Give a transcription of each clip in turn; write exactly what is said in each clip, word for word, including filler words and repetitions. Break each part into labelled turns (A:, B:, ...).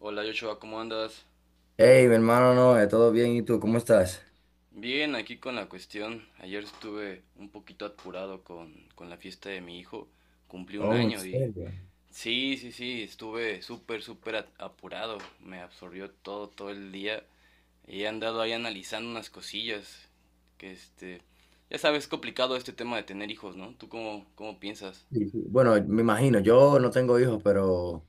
A: Hola Joshua, ¿cómo andas?
B: Hey, mi hermano, no, eh, todo bien, ¿y tú? ¿Cómo estás?
A: Bien, aquí con la cuestión. Ayer estuve un poquito apurado con, con la fiesta de mi hijo. Cumplí un
B: Oh, ¿en
A: año y...
B: serio?
A: Sí, sí, sí, estuve súper, súper a- apurado. Me absorbió todo, todo el día. Y he andado ahí analizando unas cosillas. Que este... ya sabes, es complicado este tema de tener hijos, ¿no? ¿Tú cómo, cómo piensas?
B: Sí, sí. Bueno, me imagino, yo no tengo hijos, pero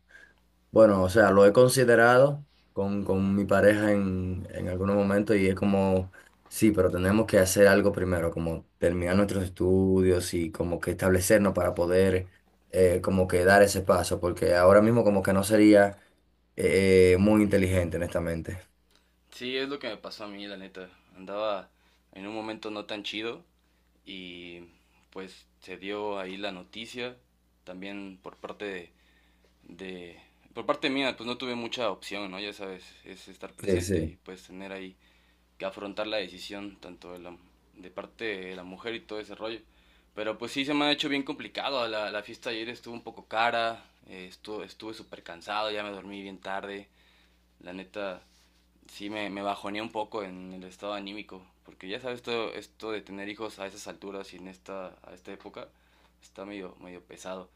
B: bueno, o sea, lo he considerado con, con mi pareja en, en algunos momentos y es como, sí, pero tenemos que hacer algo primero, como terminar nuestros estudios y como que establecernos para poder eh, como que dar ese paso, porque ahora mismo como que no sería eh, muy inteligente, honestamente.
A: Sí, es lo que me pasó a mí, la neta. Andaba en un momento no tan chido y pues se dio ahí la noticia también por parte de, de- por parte mía, pues no tuve mucha opción, ¿no? Ya sabes, es estar
B: Sí,
A: presente
B: sí.
A: y pues tener ahí que afrontar la decisión tanto de la de parte de la mujer y todo ese rollo. Pero pues sí se me ha hecho bien complicado. La, la fiesta ayer estuvo un poco cara, eh, estu- estuve súper cansado, ya me dormí bien tarde. La neta, sí me, me bajonea un poco en el estado anímico, porque ya sabes, todo esto de tener hijos a esas alturas y en esta, a esta época está medio, medio pesado.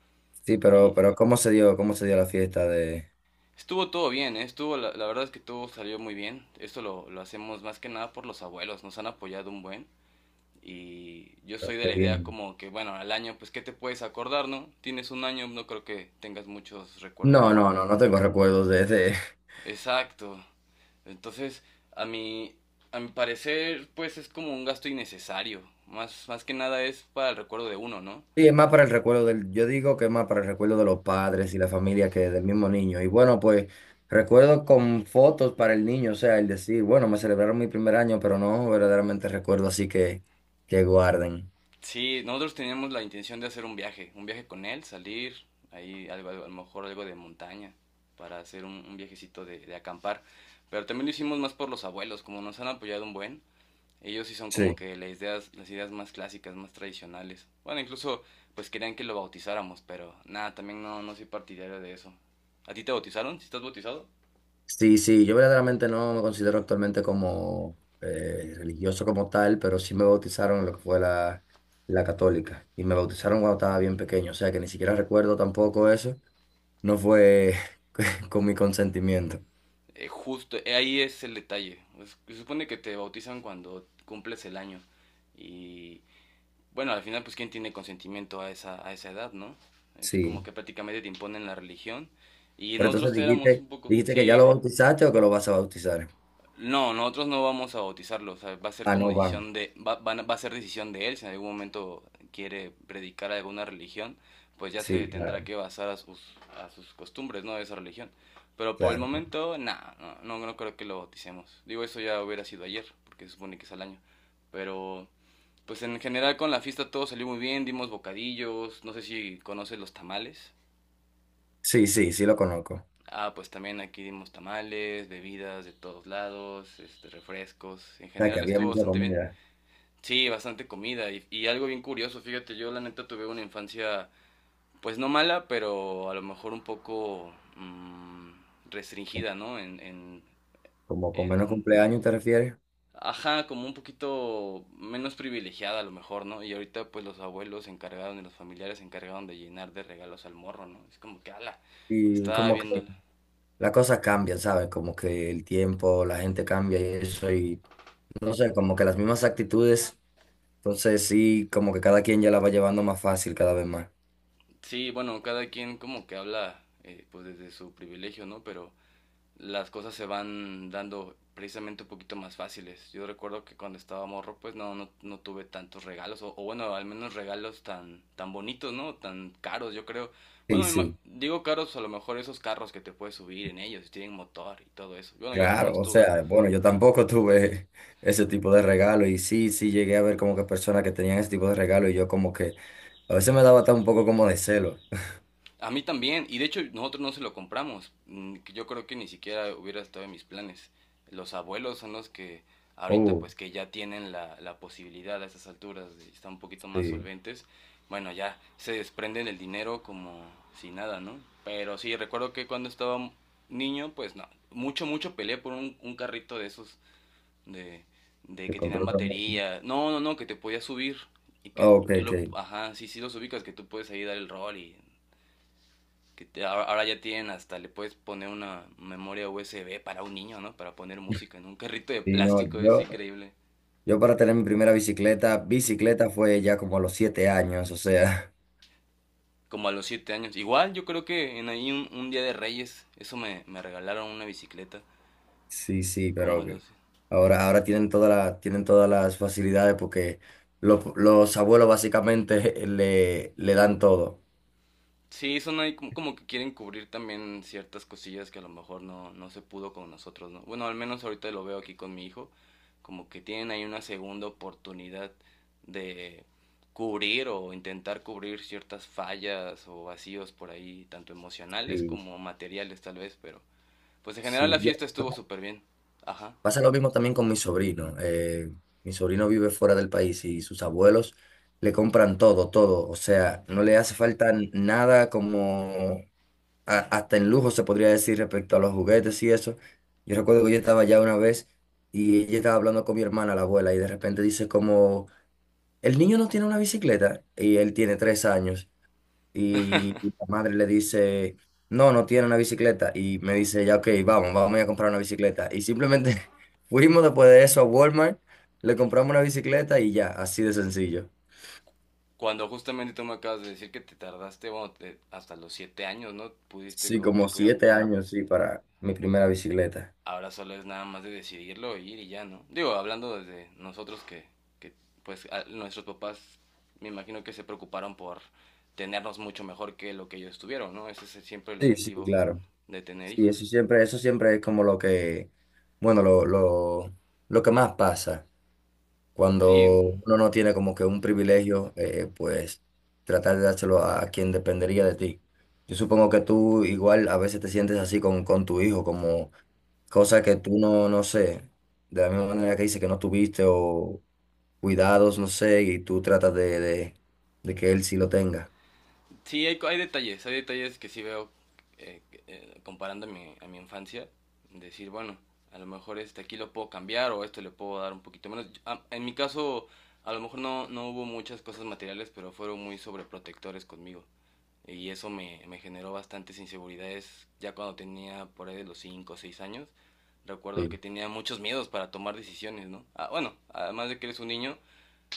B: Sí, pero,
A: Y
B: pero ¿cómo se dio, cómo se dio la fiesta de?
A: estuvo todo bien, ¿eh? Estuvo, la, la verdad es que todo salió muy bien. Esto lo, lo hacemos más que nada por los abuelos, nos han apoyado un buen. Y yo soy de
B: Qué
A: la idea
B: bien.
A: como que, bueno, al año, pues, ¿qué te puedes acordar, no? Tienes un año, no creo que tengas muchos recuerdos
B: No, no,
A: vividos,
B: no,
A: ¿no?
B: no tengo recuerdos de ese.
A: Exacto. Entonces, a mi, a mi parecer, pues es como un gasto innecesario. Más, más que nada es para el recuerdo de uno, ¿no?
B: Sí, es más para el recuerdo del, yo digo que es más para el recuerdo de los padres y la familia que del mismo niño. Y bueno, pues recuerdo con fotos para el niño, o sea, el decir, bueno, me celebraron mi primer año, pero no verdaderamente recuerdo así que, que guarden.
A: Sí, nosotros teníamos la intención de hacer un viaje, un viaje con él, salir, ahí algo, algo- a lo mejor algo de montaña, para hacer un, un viajecito de, de acampar. Pero también lo hicimos más por los abuelos, como nos han apoyado un buen. Ellos sí son como
B: Sí.
A: que las ideas, las ideas más clásicas, más tradicionales. Bueno, incluso pues querían que lo bautizáramos, pero nada, también no, no soy partidario de eso. ¿A ti te bautizaron? ¿Si estás bautizado?
B: Sí, sí, yo verdaderamente no me considero actualmente como eh, religioso como tal, pero sí me bautizaron en lo que fue la, la católica y me bautizaron cuando estaba bien pequeño, o sea que ni siquiera recuerdo tampoco eso, no fue con mi consentimiento.
A: Eh, justo, eh, ahí es el detalle. Pues, se supone que te bautizan cuando cumples el año. Y bueno, al final pues quién tiene consentimiento a esa, a esa edad, ¿no? Es como
B: Sí,
A: que prácticamente te imponen la religión. Y
B: pero
A: nosotros
B: entonces
A: te éramos
B: dijiste,
A: un poco,
B: dijiste que ya lo
A: sí.
B: bautizaste o que lo vas a bautizar.
A: No, nosotros no vamos a bautizarlo, o sea, va a ser
B: Ah,
A: como
B: no van.
A: decisión de, va, van va a ser decisión de él, si en algún momento quiere predicar alguna religión, pues ya se
B: Sí,
A: tendrá
B: claro,
A: que basar a sus, a sus costumbres, ¿no? De esa religión. Pero por el
B: claro.
A: momento, nada, no, no, no creo que lo bauticemos. Digo, eso ya hubiera sido ayer, porque se supone que es al año. Pero, pues en general con la fiesta todo salió muy bien, dimos bocadillos, no sé si conoces los tamales.
B: Sí, sí, sí lo conozco. O
A: Ah, pues también aquí dimos tamales, bebidas de todos lados, este, refrescos. En
B: sea que
A: general
B: había
A: estuvo
B: mucha
A: bastante bien.
B: comida,
A: Sí, bastante comida y, y algo bien curioso. Fíjate, yo la neta tuve una infancia, pues no mala, pero a lo mejor un poco mm, restringida, ¿no? En, en,
B: como con menos
A: en,
B: cumpleaños te refieres
A: ajá, como un poquito menos privilegiada a lo mejor, ¿no? Y ahorita pues los abuelos se encargaron y los familiares se encargaron de llenar de regalos al morro, ¿no? Es como que, ala,
B: y
A: estaba
B: como que.
A: viéndola.
B: Las cosas cambian, ¿sabes? Como que el tiempo, la gente cambia y eso, y no sé, como que las mismas actitudes, entonces sí, como que cada quien ya la va llevando más fácil cada vez más.
A: Sí, bueno, cada quien como que habla eh, pues desde su privilegio, ¿no? Pero las cosas se van dando precisamente un poquito más fáciles. Yo recuerdo que cuando estaba morro pues no, no, no tuve tantos regalos, o, o bueno, al menos regalos tan, tan bonitos, ¿no? Tan caros, yo creo.
B: Sí,
A: Bueno, me ima-
B: sí,
A: digo caros, a lo mejor esos carros que te puedes subir en ellos, y tienen motor y todo eso. Bueno, yo
B: claro,
A: jamás
B: o
A: tuve.
B: sea, bueno, yo tampoco tuve ese tipo de regalo y sí, sí llegué a ver como que personas que tenían ese tipo de regalo y yo como que a veces me daba hasta un poco como de celo.
A: A mí también, y de hecho nosotros no se lo compramos. Mm, Yo creo que ni siquiera hubiera estado en mis planes. Los abuelos son los que ahorita
B: Oh,
A: pues que ya tienen la, la posibilidad a esas alturas, de- están un poquito más
B: sí,
A: solventes. Bueno, ya se desprenden el dinero como si nada, ¿no? Pero sí, recuerdo que cuando estaba niño, pues no, mucho, mucho peleé por un, un carrito de esos de, de
B: te
A: que tenían
B: control remoto.
A: batería. No, no, no, que te podías subir y que
B: Ok,
A: tú
B: ok.
A: lo, ajá, sí, sí los ubicas, que tú puedes ahí dar el rol y que te- ahora ahora ya tienen hasta, le puedes poner una memoria U S B para un niño, ¿no? Para poner música en un carrito de
B: Sí, no,
A: plástico, es
B: yo,
A: increíble.
B: yo para tener mi primera bicicleta, bicicleta fue ya como a los siete años, o sea.
A: Como a los siete años. Igual yo creo que en ahí un, un día de Reyes, eso me, me regalaron una bicicleta.
B: Sí, sí,
A: Como a
B: pero
A: los...
B: que ahora, ahora tienen toda la- tienen todas las facilidades porque los, los abuelos básicamente le, le dan todo.
A: Sí, son ahí como, como que quieren cubrir también ciertas cosillas que a lo mejor no, no se pudo con nosotros, ¿no? Bueno, al menos ahorita lo veo aquí con mi hijo, como que tienen ahí una segunda oportunidad de cubrir o intentar cubrir ciertas fallas o vacíos por ahí, tanto emocionales
B: Sí.
A: como materiales tal vez, pero pues en general
B: Sí,
A: la
B: Yo,
A: fiesta estuvo súper bien. Ajá.
B: pasa lo mismo también con mi sobrino. eh, mi sobrino vive fuera del país y sus abuelos le compran todo, todo. O sea, no le hace falta n- nada como a- hasta en lujo se podría decir respecto a los juguetes y eso. Yo recuerdo que yo estaba allá una vez y ella estaba hablando con mi hermana, la abuela, y de repente dice como: El niño no tiene una bicicleta y él tiene tres años y la madre le dice, no, no tiene una bicicleta y me dice, ya, ok, vamos, vamos a a comprar una bicicleta. Y simplemente fuimos después de eso a Walmart, le compramos una bicicleta y ya, así de sencillo.
A: Cuando justamente tú me acabas de decir que te tardaste, bueno, te- hasta los siete años, ¿no? Pudiste,
B: Sí,
A: co- te
B: como
A: pudieron
B: siete
A: comprar.
B: años, sí, para mi primera bicicleta.
A: Ahora solo es nada más de decidirlo, ir y ya, ¿no? Digo, hablando desde nosotros que, que pues a- nuestros papás me imagino que se preocuparon por tenernos mucho mejor que lo que ellos tuvieron, ¿no? Ese es siempre el
B: Sí, sí,
A: objetivo
B: claro.
A: de tener
B: Sí, eso
A: hijos.
B: siempre, eso siempre es como lo que, bueno, lo, lo, lo que más pasa. Cuando
A: Sí,
B: uno no tiene como que un privilegio, eh, pues tratar de dárselo a quien dependería de ti. Yo supongo que tú igual a veces te sientes así con, con tu hijo, como cosas que tú no, no sé, de la misma manera que dice que no tuviste o cuidados, no sé, y tú tratas de, de, de que él sí lo tenga.
A: sí, hay, hay detalles, hay detalles que sí veo eh, eh, comparando a mi, a mi infancia, decir, bueno, a lo mejor este aquí lo puedo cambiar o esto le puedo dar un poquito menos. Ah, en mi caso, a lo mejor no, no hubo muchas cosas materiales, pero fueron muy sobreprotectores conmigo. Y eso me, me generó bastantes inseguridades ya cuando tenía por ahí de los cinco o seis años. Recuerdo que
B: Sí.
A: tenía muchos miedos para tomar decisiones, ¿no? Ah, bueno, además de que eres un niño,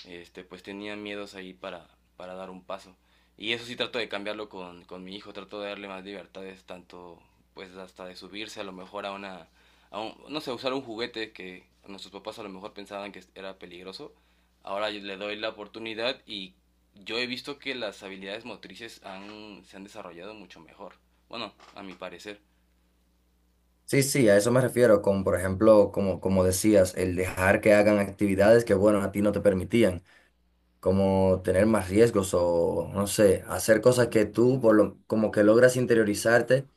A: este, pues tenía miedos ahí para, para dar un paso. Y eso sí trato de cambiarlo con, con mi hijo, trato de darle más libertades, tanto pues hasta de subirse a lo mejor a una, a un- no sé, usar un juguete que nuestros papás a lo mejor pensaban que era peligroso. Ahora yo le doy la oportunidad y yo he visto que las habilidades motrices han, se han desarrollado mucho mejor. Bueno, a mi parecer.
B: Sí, sí, a eso me refiero, con, por ejemplo, como, como decías, el dejar que hagan actividades que, bueno, a ti no te permitían. Como tener más riesgos o, no sé, hacer cosas que tú por lo- como que logras interiorizarte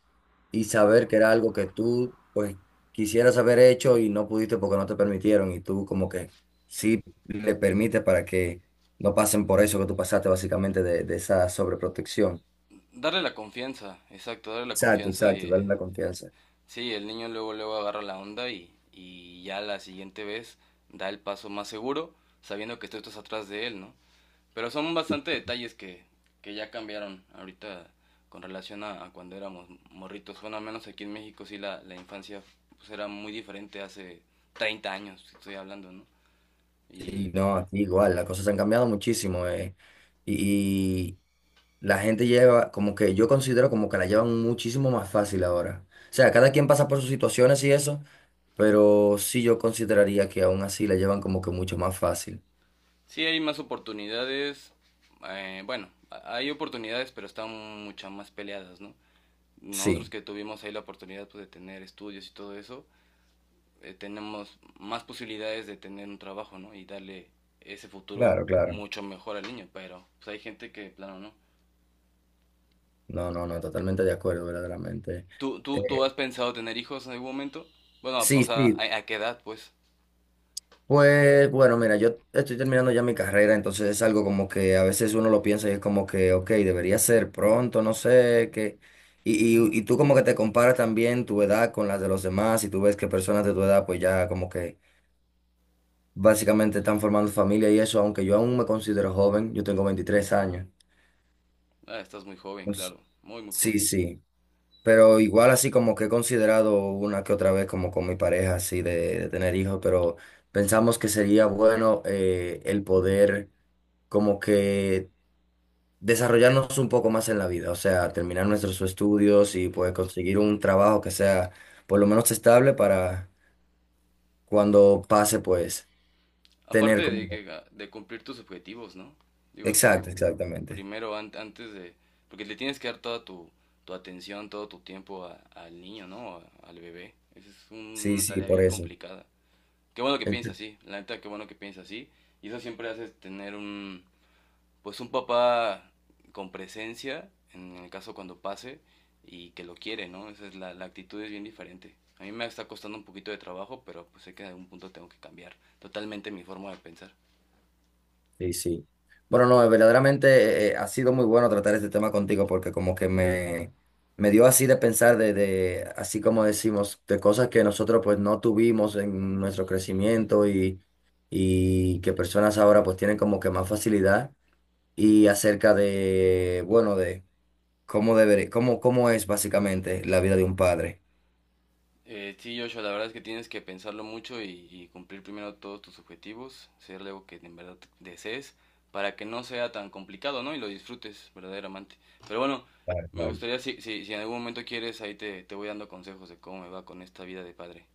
B: y saber que era algo que tú pues quisieras haber hecho y no pudiste porque no te permitieron y tú como que sí le permites para que no pasen por eso que tú pasaste básicamente de, de esa sobreprotección.
A: Darle la confianza, exacto, darle la
B: Exacto,
A: confianza.
B: exacto,
A: eh,
B: darle la confianza.
A: Sí, el niño luego, luego agarra la onda y, y ya la siguiente vez da el paso más seguro, sabiendo que tú estás atrás de él, ¿no? Pero son bastante detalles que, que ya cambiaron ahorita con relación a, a cuando éramos morritos. Bueno, al menos aquí en México sí la, la infancia pues, era muy diferente hace treinta años, estoy hablando, ¿no? Y
B: Sí, no, aquí igual, las cosas han cambiado muchísimo. eh, y, La gente lleva, como que yo considero como que la llevan muchísimo más fácil ahora. O sea, cada quien pasa por sus situaciones y eso, pero sí yo consideraría que aún así la llevan como que mucho más fácil.
A: sí hay más oportunidades, eh, bueno, hay oportunidades, pero están muchas más peleadas, ¿no? Nosotros
B: Sí,
A: que tuvimos ahí la oportunidad pues, de tener estudios y todo eso, eh, tenemos más posibilidades de tener un trabajo, ¿no? Y darle ese futuro
B: claro, claro.
A: mucho mejor al niño, pero pues hay gente que, plano, ¿no?
B: No, no, no, totalmente de acuerdo, verdaderamente.
A: ¿Tú,
B: Eh,
A: tú, ¿Tú has pensado tener hijos en algún momento? Bueno, o
B: Sí,
A: sea,
B: sí,
A: ¿a, a qué edad, pues?
B: pues bueno, mira, yo estoy terminando ya mi carrera, entonces es algo como que a veces uno lo piensa y es como que, ok, debería ser pronto, no sé, que. Y, y, y tú como que te comparas también tu edad con las de los demás y tú ves que personas de tu edad pues ya como que básicamente están formando familia y eso, aunque yo aún me considero joven, yo tengo veintitrés años.
A: Ah, estás muy joven,
B: Entonces,
A: claro, muy, muy
B: sí,
A: joven.
B: sí, pero igual así como que he considerado una que otra vez como con mi pareja así de, de tener hijos, pero pensamos que sería bueno eh, el poder como que desarrollarnos un poco más en la vida, o sea, terminar nuestros estudios y pues conseguir un trabajo que sea por lo menos estable para cuando pase, pues tener
A: Aparte de,
B: como.
A: que, ah, de cumplir tus objetivos, ¿no? Digo, tus,
B: Exacto, exactamente.
A: primero an- antes de... Porque le tienes que dar toda tu, tu atención, todo tu tiempo a- al niño, ¿no? A- al bebé. Esa es un-
B: Sí,
A: una
B: sí,
A: tarea
B: por
A: bien
B: eso.
A: complicada. Qué bueno que piensa así, la neta, qué bueno que piensa así. Y eso siempre hace tener un, pues un papá con presencia, en el caso cuando pase, y que lo quiere, ¿no? Esa es la, la actitud es bien diferente. A mí me está costando un poquito de trabajo, pero pues sé que en algún punto tengo que cambiar totalmente mi forma de pensar.
B: Sí, sí. Bueno, no, eh, verdaderamente eh, eh, ha sido muy bueno tratar este tema contigo porque como que me, me dio así de pensar de, de, así como decimos, de cosas que nosotros pues no tuvimos en nuestro crecimiento y, y que personas ahora pues tienen como que más facilidad y acerca de, bueno, de cómo debería, cómo, cómo es básicamente la vida de un padre.
A: Eh, sí, Joshua, la verdad es que tienes que pensarlo mucho y, y cumplir primero todos tus objetivos, ser algo que en verdad desees, para que no sea tan complicado, ¿no? Y lo disfrutes verdaderamente. Pero bueno,
B: Claro,
A: me
B: claro.
A: gustaría, si, si, si en algún momento quieres, ahí te, te voy dando consejos de cómo me va con esta vida de padre.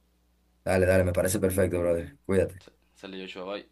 B: Dale, dale, me parece perfecto, brother. Cuídate.
A: Sa- Sale Joshua, bye.